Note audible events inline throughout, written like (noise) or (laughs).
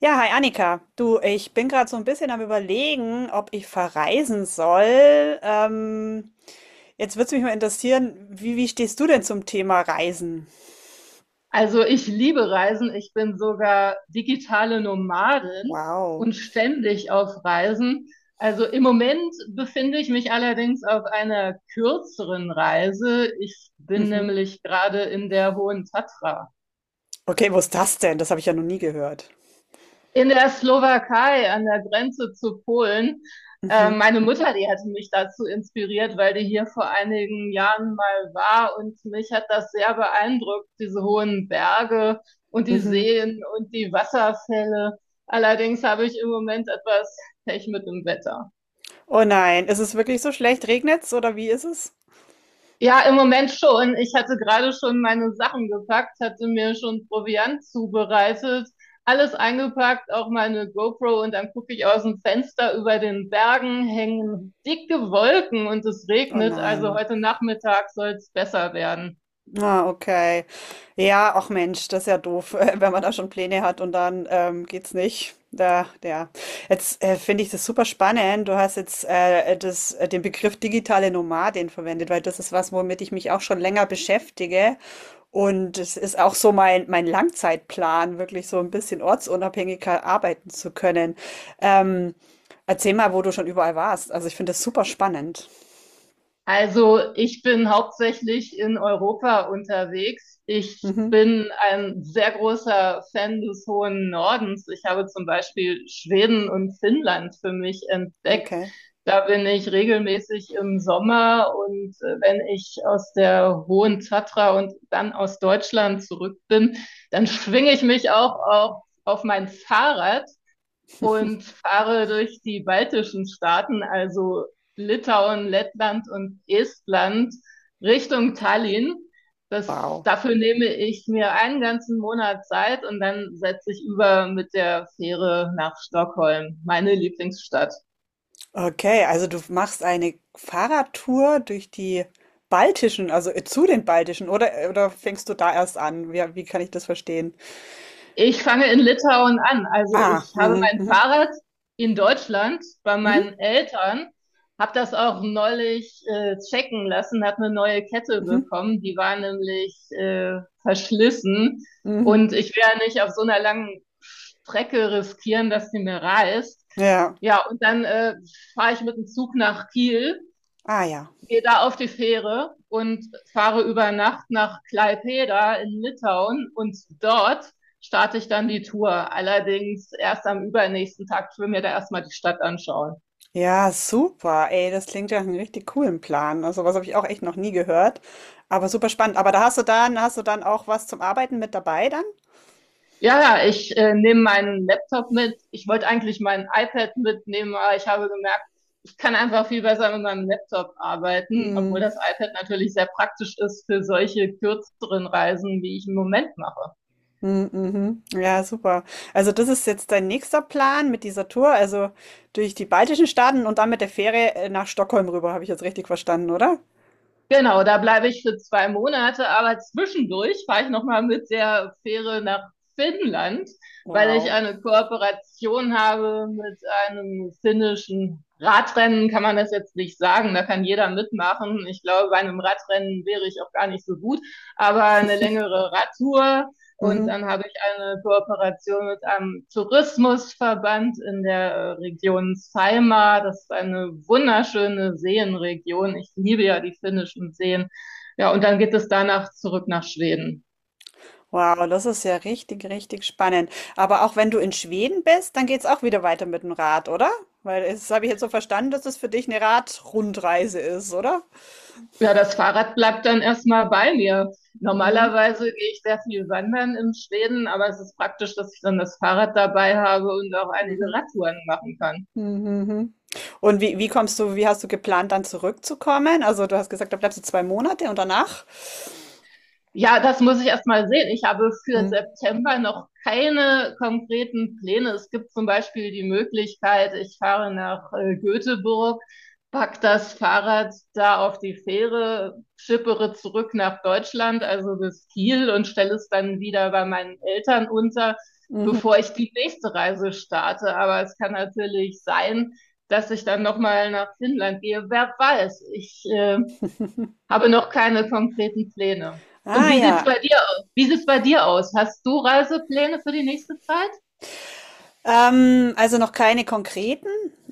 Ja, hi Annika. Du, ich bin gerade so ein bisschen am Überlegen, ob ich verreisen soll. Jetzt würde es mich mal interessieren, wie stehst du denn zum Thema Reisen? Also ich liebe Reisen. Ich bin sogar digitale Nomadin Wow. und ständig auf Reisen. Also im Moment befinde ich mich allerdings auf einer kürzeren Reise. Ich bin Mhm. nämlich gerade in der Hohen Tatra. Okay, wo ist das denn? Das habe ich ja noch nie gehört. In der Slowakei an der Grenze zu Polen. Mhm. Meine Mutter, die hatte mich dazu inspiriert, weil die hier vor einigen Jahren mal war und mich hat das sehr beeindruckt, diese hohen Berge und die Mhm. Seen und die Wasserfälle. Allerdings habe ich im Moment etwas Pech mit dem Wetter. Oh nein, ist es wirklich so schlecht? Regnet's oder wie ist es? Ja, im Moment schon. Ich hatte gerade schon meine Sachen gepackt, hatte mir schon Proviant zubereitet, alles eingepackt, auch meine GoPro und dann gucke ich aus dem Fenster, über den Bergen hängen dicke Wolken und es Oh regnet. Also nein. heute Nachmittag soll es besser werden. Ah, okay. Ja, ach Mensch, das ist ja doof, (laughs) wenn man da schon Pläne hat und dann geht's nicht. Da, ja. Jetzt finde ich das super spannend. Du hast jetzt den Begriff digitale Nomadin verwendet, weil das ist was, womit ich mich auch schon länger beschäftige. Und es ist auch so mein Langzeitplan, wirklich so ein bisschen ortsunabhängiger arbeiten zu können. Ähm, Erzähl mal, wo du schon überall warst. Also ich finde das super spannend. Also ich bin hauptsächlich in Europa unterwegs. Ich Mhm. bin ein sehr großer Fan des hohen Nordens. Ich habe zum Beispiel Schweden und Finnland für mich entdeckt. Okay. Da bin ich regelmäßig im Sommer und wenn ich aus der Hohen Tatra und dann aus Deutschland zurück bin, dann schwinge ich mich auch auf mein Fahrrad und fahre durch die baltischen Staaten, also Litauen, Lettland und Estland, Richtung Tallinn. Wow. Dafür nehme ich mir 1 ganzen Monat Zeit und dann setze ich über mit der Fähre nach Stockholm, meine Lieblingsstadt. Okay, also du machst eine Fahrradtour durch die baltischen, zu den baltischen, oder oder fängst du da erst an? Wie kann ich das verstehen? Ich fange in Litauen an. Also Ah, ich habe mhm, mein mhm, Fahrrad in Deutschland bei mhm, meinen Eltern, habe das auch neulich checken lassen, habe eine neue Kette mhm, bekommen, die war nämlich verschlissen mhm, und mhm. ich will ja nicht auf so einer langen Strecke riskieren, dass die mir reißt. Ja, Ja, und dann fahre ich mit dem Zug nach Kiel, ah ja. gehe da auf die Fähre und fahre über Nacht nach Klaipeda in Litauen und dort starte ich dann die Tour. Allerdings erst am übernächsten Tag. Ich will mir da erstmal die Stadt anschauen. Ja, super, ey, das klingt ja nach einem richtig coolen Plan. Also was habe ich auch echt noch nie gehört, aber super spannend. Aber da hast du hast du dann auch was zum Arbeiten mit dabei dann? Ja, ja, ich nehme meinen Laptop mit. Ich wollte eigentlich mein iPad mitnehmen, aber ich habe gemerkt, ich kann einfach viel besser mit meinem Laptop arbeiten, obwohl Hm. das iPad natürlich sehr praktisch ist für solche kürzeren Reisen, wie ich im Moment mache. Mm, mhm. Ja, super. Also das ist jetzt dein nächster Plan mit dieser Tour, also durch die baltischen Staaten und dann mit der Fähre nach Stockholm rüber, habe ich jetzt richtig verstanden, oder? Genau, da bleibe ich für 2 Monate, aber zwischendurch fahre ich noch mal mit der Fähre nach Finnland, weil ich Wow. eine Kooperation habe mit einem finnischen Radrennen, kann man das jetzt nicht sagen, da kann jeder mitmachen. Ich glaube, bei einem Radrennen wäre ich auch gar nicht so gut, aber eine längere Radtour, und Mhm. dann habe ich eine Kooperation mit einem Tourismusverband in der Region Saimaa. Das ist eine wunderschöne Seenregion. Ich liebe ja die finnischen Seen. Ja, und dann geht es danach zurück nach Schweden. Wow, das ist ja richtig, richtig spannend. Aber auch wenn du in Schweden bist, dann geht's auch wieder weiter mit dem Rad, oder? Weil das habe ich jetzt so verstanden, dass es für dich eine Radrundreise ist, oder? Ja, das Fahrrad bleibt dann erstmal bei mir. Mhm. Normalerweise gehe ich sehr viel wandern in Schweden, aber es ist praktisch, dass ich dann das Fahrrad dabei habe und auch einige Mhm. Radtouren machen kann. Mhm. Mhm. Mhm. Und wie kommst wie hast du geplant, dann zurückzukommen? Also du hast gesagt, da bleibst du zwei Monate und danach? Ja, das muss ich erst mal sehen. Ich habe für Mhm. September noch keine konkreten Pläne. Es gibt zum Beispiel die Möglichkeit, ich fahre nach Göteborg, pack das Fahrrad da auf die Fähre, schippere zurück nach Deutschland, also bis Kiel, und stelle es dann wieder bei meinen Eltern unter, Mhm. bevor ich die nächste Reise starte. Aber es kann natürlich sein, dass ich dann nochmal nach Finnland gehe. Wer weiß, ich habe noch keine konkreten Pläne. Und Ah wie sieht's ja, bei dir aus? Wie sieht's bei dir aus? Hast du Reisepläne für die nächste Zeit? Also noch keine konkreten.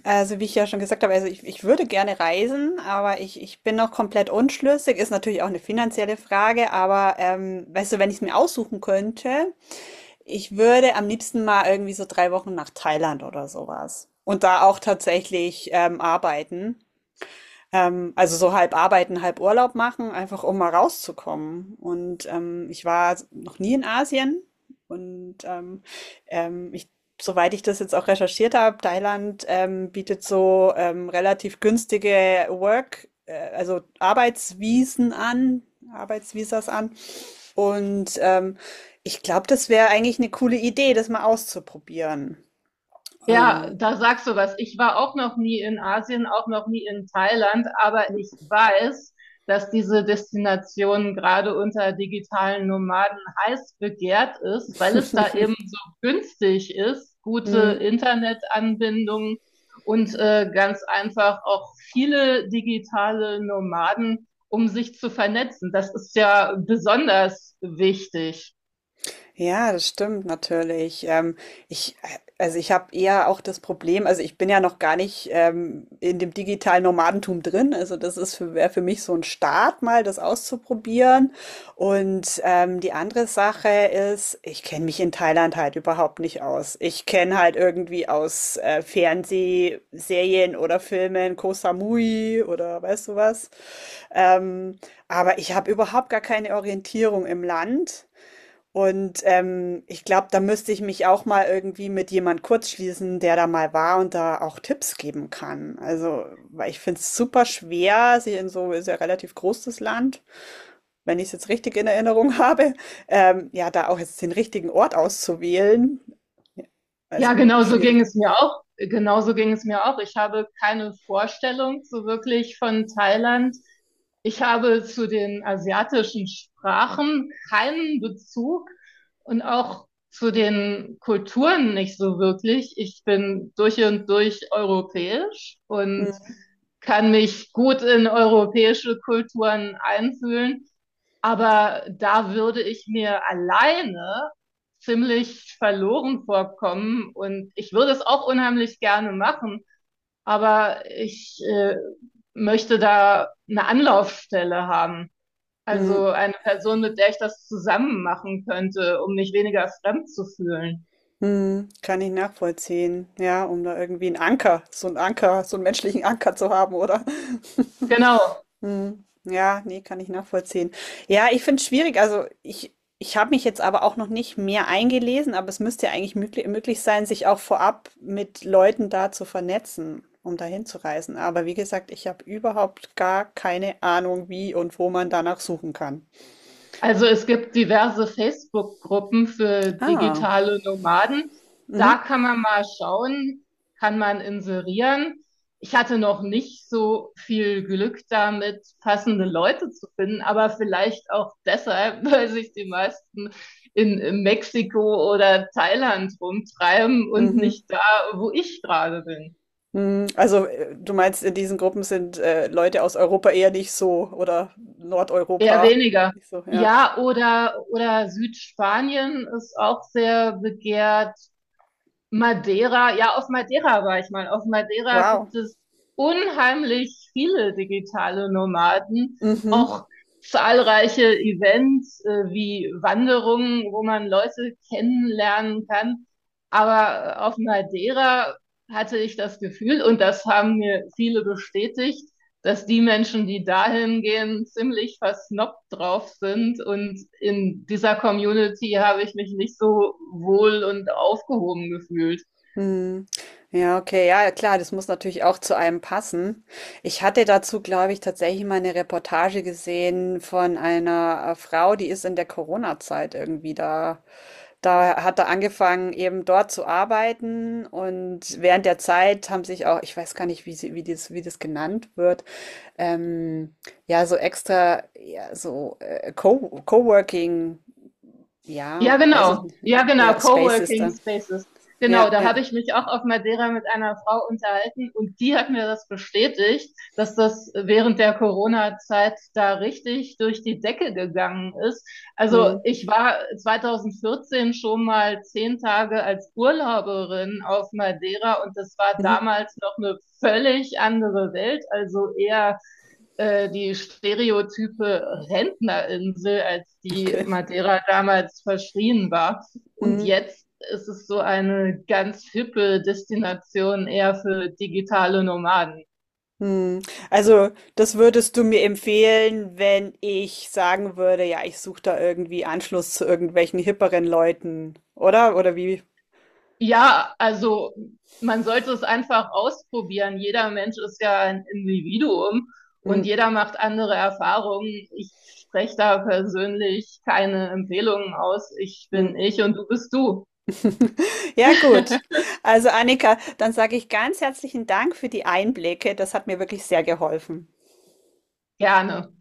Also wie ich ja schon gesagt habe, ich würde gerne reisen, aber ich bin noch komplett unschlüssig. Ist natürlich auch eine finanzielle Frage, aber weißt du, wenn ich es mir aussuchen könnte, ich würde am liebsten mal irgendwie so drei Wochen nach Thailand oder sowas. Und da auch tatsächlich arbeiten. Also so halb arbeiten, halb Urlaub machen, einfach um mal rauszukommen. Und ich war noch nie in Asien und ähm, ich, soweit ich das jetzt auch recherchiert habe, Thailand bietet so relativ günstige also Arbeitsvisen an, Arbeitsvisas an. Und ich glaube, das wäre eigentlich eine coole Idee, das mal auszuprobieren. Ja, Ähm, da sagst du was. Ich war auch noch nie in Asien, auch noch nie in Thailand, aber ich weiß, dass diese Destination gerade unter digitalen Nomaden heiß begehrt ist, weil es da eben so günstig ist, gute Internetanbindungen und ganz einfach auch viele digitale Nomaden, um sich zu vernetzen. Das ist ja besonders wichtig. Ja, das stimmt natürlich. Ich, äh, also ich habe eher auch das Problem, also ich bin ja noch gar nicht in dem digitalen Nomadentum drin. Also das ist wäre für mich so ein Start, mal das auszuprobieren. Und die andere Sache ist, ich kenne mich in Thailand halt überhaupt nicht aus. Ich kenne halt irgendwie aus Fernsehserien oder Filmen Koh Samui oder weißt du was. Ähm, aber ich habe überhaupt gar keine Orientierung im Land. Und ich glaube, da müsste ich mich auch mal irgendwie mit jemand kurzschließen, der da mal war und da auch Tipps geben kann. Also, weil ich finde es super schwer, sie in so, ist ja relativ groß das Land, wenn ich es jetzt richtig in Erinnerung (laughs) habe, ja, da auch jetzt den richtigen Ort auszuwählen. Ja, also, Ja, genau so ging schwierig. es mir auch. Genauso ging es mir auch. Ich habe keine Vorstellung so wirklich von Thailand. Ich habe zu den asiatischen Sprachen keinen Bezug und auch zu den Kulturen nicht so wirklich. Ich bin durch und durch europäisch Hm, und kann mich gut in europäische Kulturen einfühlen. Aber da würde ich mir alleine ziemlich verloren vorkommen. Und ich würde es auch unheimlich gerne machen, aber ich möchte da eine Anlaufstelle haben. hm, Also eine Person, mit der ich das zusammen machen könnte, um mich weniger fremd zu fühlen. hm, kann ich nachvollziehen, ja, um da irgendwie so so einen menschlichen Anker zu haben, oder? (laughs) Genau. Mhm. Ja, nee, kann ich nachvollziehen. Ja, ich finde es schwierig. Ich habe mich jetzt aber auch noch nicht mehr eingelesen, aber es müsste ja eigentlich möglich sein, sich auch vorab mit Leuten da zu vernetzen, um dahin zu reisen. Aber wie gesagt, ich habe überhaupt gar keine Ahnung, wie und wo man danach suchen kann. Also es gibt diverse Facebook-Gruppen für Ah, digitale Nomaden. mhm. Da kann man mal schauen, kann man inserieren. Ich hatte noch nicht so viel Glück damit, passende Mhm. Leute zu finden, aber vielleicht auch deshalb, (laughs) weil sich die meisten in Mexiko oder Thailand rumtreiben und Mhm. nicht da, wo ich gerade bin. Mhm. Also du meinst, in diesen Gruppen sind Leute aus Europa eher nicht so oder Eher Nordeuropa weniger. nicht so, ja. Ja, oder Südspanien ist auch sehr begehrt. Madeira, ja, auf Madeira war ich mal. Auf Madeira Wow. gibt es unheimlich viele digitale Nomaden, Mhm. auch zahlreiche Events wie Wanderungen, wo man Leute kennenlernen kann. Aber auf Madeira hatte ich das Gefühl, und das haben mir viele bestätigt, dass die Menschen, die dahin gehen, ziemlich versnoppt drauf sind. Und in dieser Community habe ich mich nicht so wohl und aufgehoben gefühlt. Hm. Ja, okay, ja, ja, klar, das muss natürlich auch zu einem passen. Ich hatte dazu, glaube ich, tatsächlich mal eine Reportage gesehen von einer Frau, die ist in der Corona-Zeit irgendwie da. Da hat er angefangen, eben dort zu arbeiten und während der Zeit haben sich auch, ich weiß gar nicht, wie das genannt wird, ähm, ja, so extra, ja, so Co Coworking, ja, Ja, weiß ich genau. nicht, Ja, genau. ja, Spaces Coworking da, Spaces. ja, Genau, da ja. habe ich mich auch auf Madeira mit einer Frau unterhalten und die hat mir das bestätigt, dass das während der Corona-Zeit da richtig durch die Decke gegangen ist. Hm. Also ich war 2014 schon mal 10 Tage als Urlauberin auf Madeira und das war Mhm. damals noch eine völlig andere Welt, also eher die stereotype Rentnerinsel, als die Okay. Madeira damals verschrien war. Und Mhm. jetzt ist es so eine ganz hippe Destination eher für digitale Nomaden. Mhm. Also, das würdest du mir empfehlen, wenn ich sagen würde, ja, ich suche da irgendwie Anschluss zu irgendwelchen hipperen Leuten, oder? Oder wie? Ja, also man sollte es einfach ausprobieren. Jeder Mensch ist ja ein Individuum und Mhm. jeder macht andere Erfahrungen. Ich spreche da persönlich keine Empfehlungen aus. Ich bin Mhm. ich und du bist du. Ja, gut. (laughs) Also, Annika, dann sage ich ganz herzlichen Dank für die Einblicke. Das hat mir wirklich sehr geholfen. Gerne.